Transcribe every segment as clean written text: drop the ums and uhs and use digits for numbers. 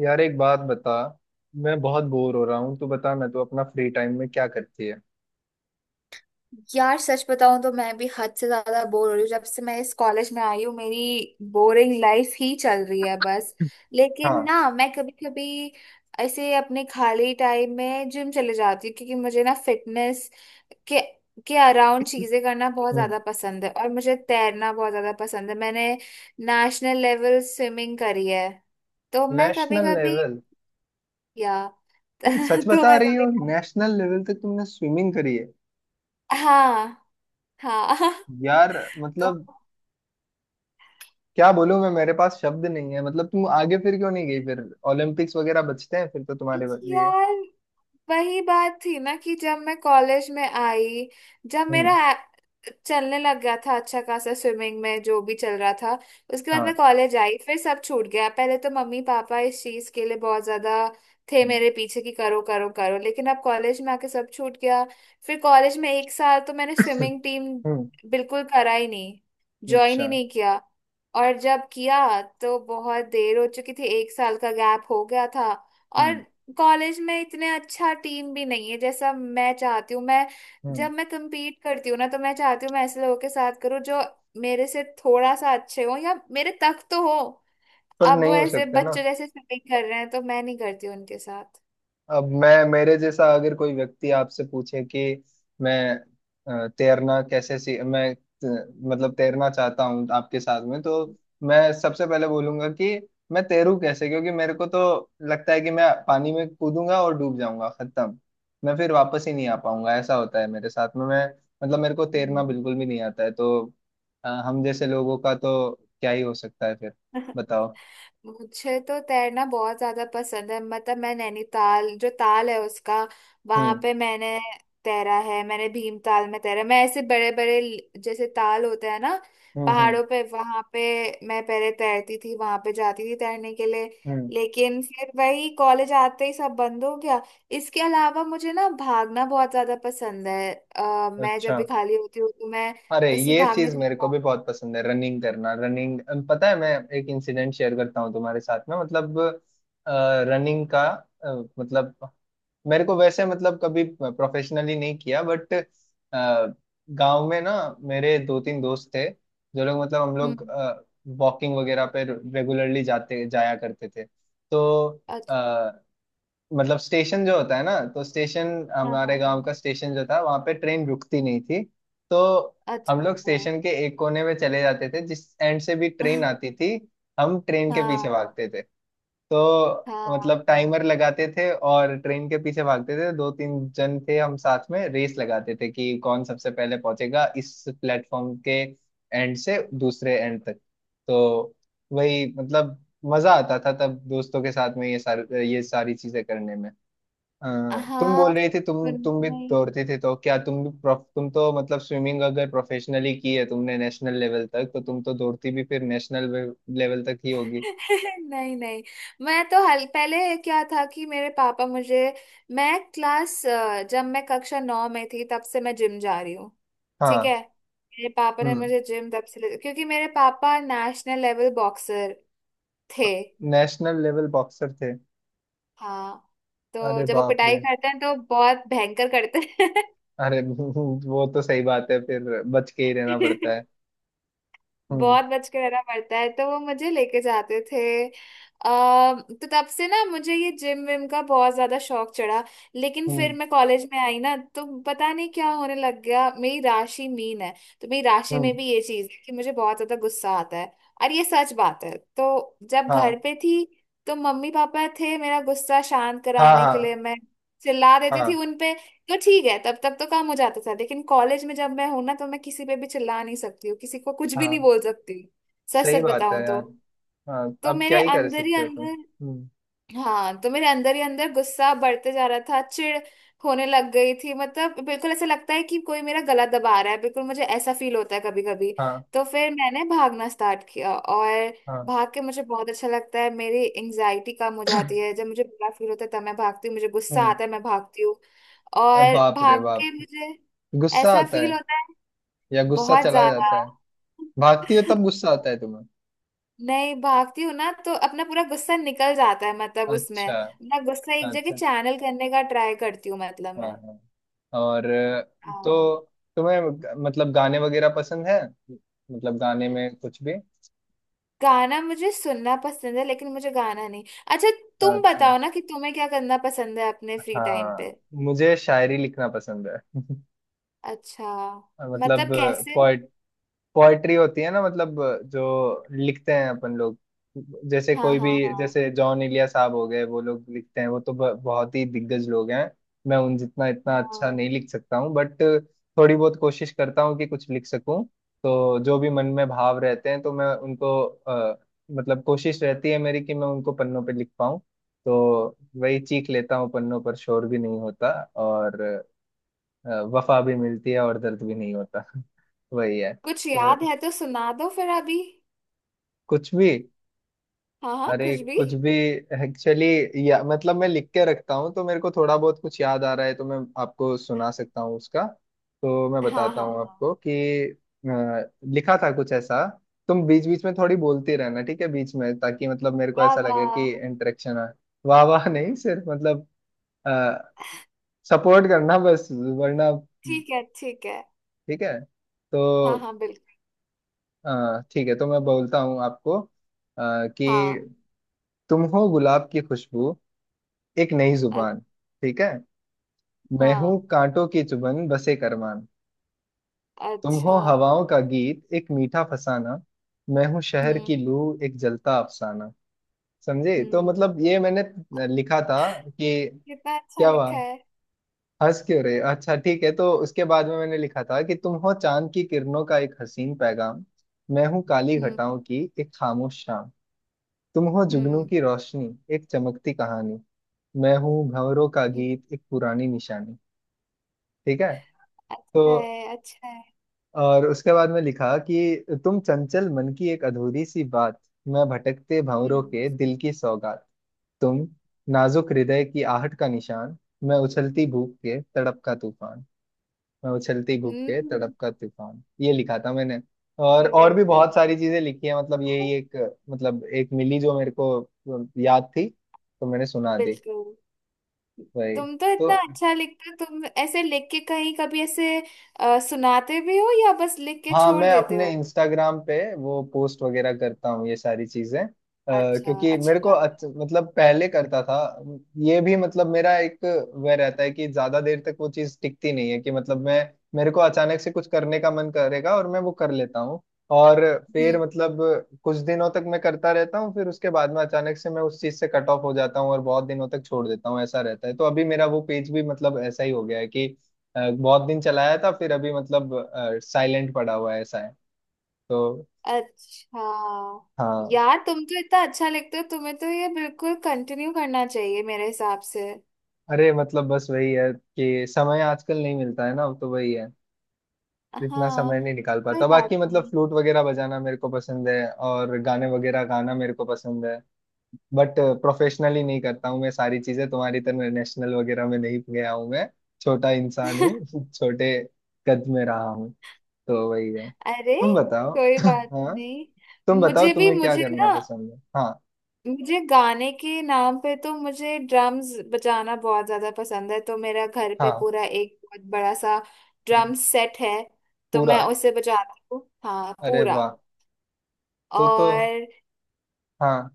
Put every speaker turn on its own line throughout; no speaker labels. यार, एक बात बता। मैं बहुत बोर हो रहा हूँ। तू बता, मैं तो अपना फ्री टाइम में क्या करती है।
यार सच बताऊं तो मैं भी हद से ज्यादा बोर हो रही हूँ। जब से मैं इस कॉलेज में आई हूँ मेरी बोरिंग लाइफ ही चल रही है बस। लेकिन
हाँ।
ना मैं कभी कभी ऐसे अपने खाली टाइम में जिम चले जाती हूँ, क्योंकि मुझे ना फिटनेस के के अराउंड चीजें करना बहुत
हम्म।
ज्यादा पसंद है। और मुझे तैरना बहुत ज्यादा पसंद है, मैंने नेशनल लेवल स्विमिंग करी है। तो मैं कभी
नेशनल
कभी
लेवल।
या
तुम सच
तो
बता
मैं
रही हो,
कभी
नेशनल लेवल तक तुमने स्विमिंग करी है?
हाँ, हाँ।
यार,
तो
मतलब क्या बोलूं मैं, मेरे पास शब्द नहीं है। मतलब तुम आगे फिर क्यों नहीं गई? फिर ओलंपिक्स वगैरह बचते हैं फिर तो तुम्हारे लिए।
यार वही बात थी ना कि जब मैं कॉलेज में आई, जब मेरा
हम्म।
चलने लग गया था अच्छा खासा स्विमिंग में जो भी चल रहा था। उसके बाद मैं
हाँ।
कॉलेज आई फिर सब छूट गया। पहले तो मम्मी पापा इस चीज के लिए बहुत ज्यादा थे
हम्म।
मेरे पीछे कि करो करो करो, लेकिन अब कॉलेज में आके सब छूट गया। फिर कॉलेज में एक साल तो मैंने स्विमिंग टीम
हम्म,
बिल्कुल करा ही नहीं, ज्वाइन ही
अच्छा।
नहीं किया। और जब किया तो बहुत देर हो चुकी थी, एक साल का गैप हो गया था। और
हम्म।
कॉलेज में इतने अच्छा टीम भी नहीं है जैसा मैं चाहती हूँ। मैं
हम्म।
जब मैं compete करती हूँ ना तो मैं चाहती हूँ मैं ऐसे लोगों के साथ करूँ जो मेरे से थोड़ा सा अच्छे हो या मेरे तक तो हो।
पर
अब वो
नहीं हो
ऐसे
सकते ना।
बच्चों जैसे शॉपिंग कर रहे हैं तो मैं नहीं करती उनके साथ।
अब मैं मेरे जैसा अगर कोई व्यक्ति आपसे पूछे कि मैं तैरना कैसे सी मैं मतलब तैरना चाहता हूँ आपके साथ में, तो मैं सबसे पहले बोलूंगा कि मैं तैरूं कैसे, क्योंकि मेरे को तो लगता है कि मैं पानी में कूदूंगा और डूब जाऊंगा, खत्म। मैं फिर वापस ही नहीं आ पाऊंगा। ऐसा होता है मेरे साथ में। मैं मतलब मेरे को तैरना
हम्म।
बिल्कुल भी नहीं आता है। तो हम जैसे लोगों का तो क्या ही हो सकता है फिर? बताओ।
मुझे तो तैरना बहुत ज्यादा पसंद है। मतलब मैं नैनीताल जो ताल है उसका वहां
हम्म।
पे मैंने तैरा है, मैंने भीमताल में तैरा। मैं ऐसे बड़े बड़े जैसे ताल होते हैं ना
हम्म। हम्म।
पहाड़ों पे, वहां पे मैं पहले तैरती थी, वहां पे जाती थी तैरने के लिए।
हम्म।
लेकिन फिर वही कॉलेज आते ही सब बंद हो गया। इसके अलावा मुझे ना भागना बहुत ज्यादा पसंद है। मैं जब
अच्छा।
भी खाली होती हूँ तो मैं
अरे,
ऐसी
ये
भागने
चीज
चली
मेरे को
जाती
भी बहुत पसंद है, रनिंग करना, रनिंग। पता है, मैं एक इंसिडेंट शेयर करता हूँ तुम्हारे साथ में। मतलब रनिंग का अ, मतलब मेरे को वैसे मतलब कभी प्रोफेशनली नहीं किया, बट गांव में ना मेरे दो तीन दोस्त थे, जो लोग मतलब हम
हूँ।
लोग
हम्म।
वॉकिंग वगैरह पे रेगुलरली जाते जाया करते थे। तो
अच्छा।
मतलब स्टेशन जो होता है ना, तो स्टेशन
हाँ
हमारे
हाँ हाँ।
गांव का स्टेशन जो था वहां पे ट्रेन रुकती नहीं थी। तो हम
अच्छा,
लोग
हाँ।
स्टेशन के एक कोने में चले जाते थे, जिस एंड से भी ट्रेन आती थी। हम ट्रेन के पीछे
हाँ
भागते थे। तो मतलब
हाँ
टाइमर लगाते थे और ट्रेन के पीछे भागते थे। दो तीन जन थे हम, साथ में रेस लगाते थे कि कौन सबसे पहले पहुंचेगा इस प्लेटफॉर्म के एंड से दूसरे एंड तक। तो वही मतलब मजा आता था तब दोस्तों के साथ में ये सारे ये सारी चीजें करने में। हाँ, तुम बोल
हाँ,
रही थी तुम
सुनना
भी
नहीं।
दौड़ती थी, तो क्या तुम भी तुम तो मतलब स्विमिंग अगर प्रोफेशनली की है तुमने नेशनल लेवल तक, तो तुम तो दौड़ती भी फिर नेशनल लेवल तक ही होगी।
नहीं नहीं, मैं तो हल पहले क्या था कि मेरे पापा मुझे मैं जब मैं कक्षा 9 में थी तब से मैं जिम जा रही हूँ। ठीक
हाँ।
है, मेरे पापा ने
हम्म।
मुझे जिम तब से क्योंकि मेरे पापा नेशनल लेवल बॉक्सर थे।
नेशनल लेवल बॉक्सर थे?
हाँ, तो
अरे
जब वो
बाप
पिटाई
रे!
करते हैं तो बहुत भयंकर करते
अरे वो तो सही बात है, फिर बच के ही रहना
हैं।
पड़ता है। हम्म।
बहुत बच के रहना पड़ता है, तो वो मुझे लेके जाते थे। अ, तो तब से ना मुझे ये जिम विम का बहुत ज्यादा शौक चढ़ा। लेकिन फिर
हम्म।
मैं कॉलेज में आई ना तो पता नहीं क्या होने लग गया। मेरी राशि मीन है, तो मेरी राशि में
हम्म।
भी ये चीज है कि मुझे बहुत ज्यादा गुस्सा आता है, और ये सच बात है। तो जब घर
हाँ।
पे थी तो मम्मी पापा थे मेरा गुस्सा शांत
हाँ।
कराने के लिए,
हाँ।
मैं चिल्ला देती थी
हाँ।
उनपे। तो ठीक है, तब तक तो काम हो जाता था। लेकिन कॉलेज में जब मैं हूं ना तो मैं किसी पे भी चिल्ला नहीं सकती हूँ, किसी को कुछ भी नहीं
हाँ,
बोल सकती, सच
सही
सच
बात है
बताऊं तो।
यार। हाँ।
तो
अब क्या
मेरे
ही कर
अंदर ही
सकते हो तुम।
अंदर
हम्म।
हाँ, तो मेरे अंदर ही अंदर गुस्सा बढ़ते जा रहा था, चिढ़ होने लग गई थी। मतलब बिल्कुल ऐसा लगता है कि कोई मेरा गला दबा रहा है, बिल्कुल मुझे ऐसा फील होता है कभी कभी।
हाँ।
तो फिर मैंने भागना स्टार्ट किया, और
हाँ।
भाग के मुझे बहुत अच्छा लगता है, मेरी एंजाइटी कम हो जाती है। जब मुझे बुरा फील होता है तब मैं भागती हूँ, मुझे गुस्सा
हम्म।
आता है मैं भागती हूँ।
अरे
और
बाप रे
भाग
बाप!
के मुझे
गुस्सा
ऐसा
आता
फील
है
होता है
या गुस्सा
बहुत
चला
ज्यादा।
जाता है? भागती हो तब गुस्सा आता है तुम्हें?
नहीं, भागती हूँ ना तो अपना पूरा गुस्सा निकल जाता है। मतलब उसमें
अच्छा।
अपना गुस्सा एक जगह
अच्छा।
चैनल करने का ट्राई करती हूँ, मतलब
हाँ।
मैं।
हाँ। और तो
हाँ।
तुम्हें मतलब गाने वगैरह पसंद है? मतलब गाने में कुछ भी।
गाना मुझे सुनना पसंद है लेकिन मुझे गाना नहीं। अच्छा, तुम
अच्छा।
बताओ ना कि तुम्हें क्या करना पसंद है अपने फ्री टाइम पे।
हाँ। मुझे शायरी लिखना पसंद है।
अच्छा,
मतलब
मतलब कैसे?
पोएट, पोएट्री होती है ना, मतलब जो लिखते हैं अपन लोग। जैसे
हाँ
कोई भी,
हाँ हाँ।
जैसे जॉन इलिया साहब हो गए, वो लोग लिखते हैं, वो तो बहुत ही दिग्गज लोग हैं। मैं उन जितना इतना अच्छा
हाँ,
नहीं लिख सकता हूँ, बट थोड़ी बहुत कोशिश करता हूँ कि कुछ लिख सकूँ। तो जो भी मन में भाव रहते हैं, तो मैं उनको मतलब कोशिश रहती है मेरी कि मैं उनको पन्नों पे लिख पाऊँ। तो वही चीख लेता हूँ पन्नों पर, शोर भी नहीं होता। और वफा भी मिलती है और दर्द भी नहीं होता। वही है
कुछ याद
तो।
है तो सुना दो फिर अभी।
कुछ भी।
हाँ हाँ,
अरे
कुछ भी।
कुछ भी। एक्चुअली या मतलब मैं लिख के रखता हूँ, तो मेरे को थोड़ा बहुत कुछ याद आ रहा है, तो मैं आपको सुना सकता हूँ उसका। तो मैं
हाँ
बताता
हाँ
हूँ
हाँ।
आपको कि लिखा था कुछ ऐसा। तुम बीच बीच में थोड़ी बोलती रहना, ठीक है बीच में, ताकि मतलब मेरे को
वाह
ऐसा लगे
वाह।
कि इंटरेक्शन है। वाह वाह नहीं, सिर्फ मतलब सपोर्ट करना बस, वरना।
ठीक है ठीक है।
ठीक है। तो
हाँ हाँ, बिल्कुल।
ठीक है, तो मैं बोलता हूँ आपको
हाँ।
कि तुम हो गुलाब की खुशबू, एक नई
अ-
जुबान। ठीक है। मैं हूँ
हाँ।
कांटों की चुभन बसे करमान। तुम हो
अच्छा।
हवाओं का गीत, एक मीठा फसाना। मैं हूँ शहर
हम्म।
की लू, एक जलता अफसाना। समझे? तो
हम्म।
मतलब ये मैंने लिखा था। कि
कितना अच्छा
क्या हुआ,
लिखा है।
हंस क्यों रहे? अच्छा ठीक है। तो उसके बाद में मैंने लिखा था कि तुम हो चांद की किरणों का एक हसीन पैगाम। मैं हूँ काली
हम्म।
घटाओं की एक खामोश शाम। तुम हो जुगनू
हम्म।
की रोशनी, एक चमकती कहानी। मैं हूँ भंवरों का
हम्म,
गीत, एक पुरानी निशानी। ठीक है।
अच्छा
तो
है अच्छा है।
और उसके बाद में लिखा कि तुम चंचल मन की एक अधूरी सी बात। मैं भटकते भंवरों
हम्म।
के दिल की सौगात। तुम नाजुक हृदय की आहट का निशान। मैं उछलती भूख के तड़प का तूफान। मैं उछलती भूख के
हम्म।
तड़प का तूफान, ये लिखा था मैंने। और भी
बिल्कुल।
बहुत सारी चीजें लिखी है, मतलब यही एक मतलब एक मिली जो मेरे को याद थी, तो मैंने सुना दी।
बिल्कुल,
वही
तुम तो
तो।
इतना अच्छा लिखते हो। तुम ऐसे लिख के कहीं कभी ऐसे सुनाते भी हो या बस लिख के
हाँ,
छोड़
मैं
देते
अपने
हो?
इंस्टाग्राम पे वो पोस्ट वगैरह करता हूँ ये सारी चीजें।
अच्छा,
क्योंकि
अच्छी
मेरे को मतलब पहले करता था। ये भी मतलब मेरा एक वह रहता है कि ज्यादा देर तक वो चीज टिकती नहीं है कि मतलब मैं मेरे को अचानक से कुछ करने का मन करेगा और मैं वो कर लेता हूँ। और फिर
बात।
मतलब कुछ दिनों तक मैं करता रहता हूँ, फिर उसके बाद में अचानक से मैं उस चीज से कट ऑफ हो जाता हूँ और बहुत दिनों तक छोड़ देता हूँ। ऐसा रहता है। तो अभी मेरा वो पेज भी मतलब ऐसा ही हो गया है कि बहुत दिन चलाया था, फिर अभी मतलब साइलेंट पड़ा हुआ है, ऐसा है। तो।
अच्छा,
हाँ।
यार तुम तो इतना अच्छा लिखते हो, तुम्हें तो ये बिल्कुल कंटिन्यू करना चाहिए मेरे हिसाब से।
अरे मतलब बस वही है कि समय आजकल नहीं मिलता है ना, तो वही है। इतना
हाँ,
समय नहीं निकाल
कोई
पाता। बाकी
बात
मतलब
नहीं।
फ्लूट वगैरह बजाना मेरे को पसंद है और गाने वगैरह गाना मेरे को पसंद है, बट प्रोफेशनली नहीं करता हूँ मैं सारी चीजें तुम्हारी तरह। नेशनल वगैरह में नहीं गया हूँ मैं, छोटा इंसान हूँ। छोटे कद में रहा हूँ, तो वही है।
अरे,
तुम बताओ।
कोई बात
हाँ,
नहीं।
तुम बताओ,
मुझे भी,
तुम्हें क्या
मुझे
करना
ना,
पसंद है? हाँ।
मुझे गाने के नाम पे तो मुझे ड्रम्स बजाना बहुत ज्यादा पसंद है। तो मेरा घर पे
हाँ,
पूरा एक बहुत बड़ा सा ड्रम सेट है, तो
पूरा।
मैं उसे बजाती हूँ। हाँ,
अरे
पूरा।
वाह! तो,
और
हाँ,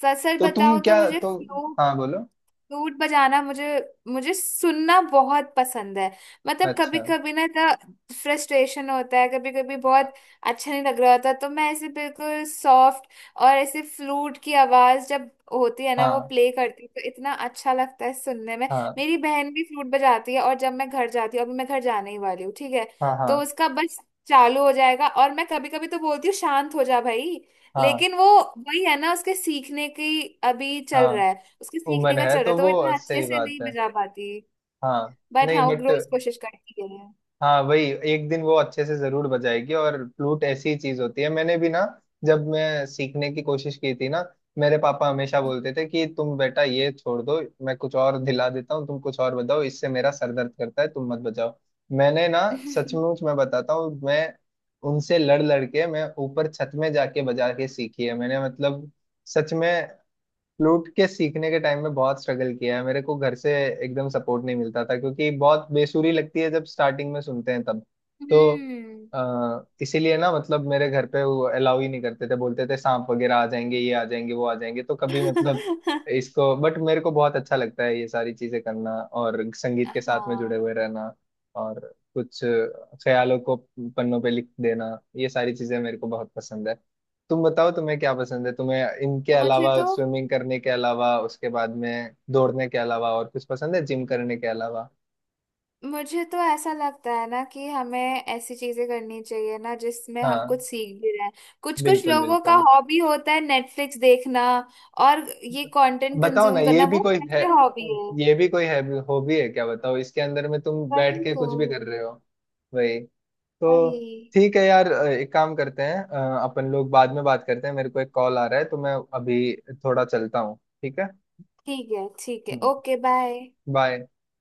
सर सर
तो तुम
बताओ तो
क्या,
मुझे
तो,
फ्लूट,
हाँ, बोलो।
फ्लूट बजाना मुझे, मुझे सुनना बहुत पसंद है। मतलब कभी
अच्छा।
कभी ना इतना फ्रस्ट्रेशन होता है कभी कभी, बहुत अच्छा नहीं लग रहा होता तो मैं ऐसे बिल्कुल सॉफ्ट। और ऐसे फ्लूट की आवाज जब होती है ना वो
हाँ।
प्ले करती है तो इतना अच्छा लगता है सुनने में।
हाँ।
मेरी बहन भी फ्लूट बजाती है, और जब मैं घर जाती हूँ, अभी मैं घर जाने ही वाली हूँ ठीक है,
हाँ।
तो
हाँ।
उसका बस चालू हो जाएगा, और मैं कभी कभी तो बोलती हूँ शांत हो जा भाई।
हाँ।
लेकिन वो वही है ना, उसके सीखने की अभी चल रहा
हाँ,
है, उसके सीखने
उम्र
का
है
चल रहा है,
तो
तो वो
वो
इतना अच्छे
सही
से
बात
नहीं
है।
बजा पाती।
हाँ।
बट हाँ,
नहीं,
वो
बट
रोज कोशिश करती है।
हाँ, वही, एक दिन वो अच्छे से जरूर बजाएगी। और फ्लूट ऐसी चीज होती है, मैंने भी ना जब मैं सीखने की कोशिश की थी ना, मेरे पापा हमेशा बोलते थे कि तुम बेटा ये छोड़ दो, मैं कुछ और दिला देता हूँ, तुम कुछ और बजाओ, इससे मेरा सर दर्द करता है, तुम मत बजाओ। मैंने ना, सचमुच मैं बताता हूँ, मैं उनसे लड़ लड़ के मैं ऊपर छत में जाके बजा के सीखी है मैंने, मतलब सच में। फ्लूट के सीखने के टाइम में बहुत स्ट्रगल किया है। मेरे को घर से एकदम सपोर्ट नहीं मिलता था, क्योंकि बहुत बेसुरी लगती है जब स्टार्टिंग में सुनते हैं तब। तो
हम्म।
इसीलिए ना मतलब मेरे घर पे वो अलाउ ही नहीं करते थे, बोलते थे सांप वगैरह आ जाएंगे, ये आ जाएंगे, वो आ जाएंगे, तो कभी मतलब इसको। बट मेरे को बहुत अच्छा लगता है ये सारी चीजें करना और संगीत के साथ में जुड़े
हाँ,
हुए रहना और कुछ ख्यालों को पन्नों पे लिख देना, ये सारी चीजें मेरे को बहुत पसंद है। तुम बताओ, तुम्हें क्या पसंद है? तुम्हें इनके
मुझे
अलावा,
तो
स्विमिंग करने के अलावा, उसके बाद में दौड़ने के अलावा और कुछ पसंद है जिम करने के अलावा?
मुझे तो ऐसा लगता है ना कि हमें ऐसी चीजें करनी चाहिए ना जिसमें हम
हाँ।
कुछ सीख भी रहे हैं। कुछ कुछ
बिल्कुल
लोगों का
बिल्कुल।
हॉबी होता है नेटफ्लिक्स देखना, और ये कंटेंट
बताओ ना,
कंज्यूम
ये
करना,
भी
वो
कोई है,
कैसे हॉबी है?
ये भी कोई है हॉबी है क्या? बताओ, इसके अंदर में तुम बैठ
वही
के
तो।
कुछ भी कर रहे हो। वही। तो।
वही।
ठीक है यार, एक काम करते हैं, अपन लोग बाद में बात करते हैं, मेरे को एक कॉल आ रहा है तो मैं अभी थोड़ा चलता हूँ। ठीक है।
ठीक है ठीक है, ओके, बाय।
बाय।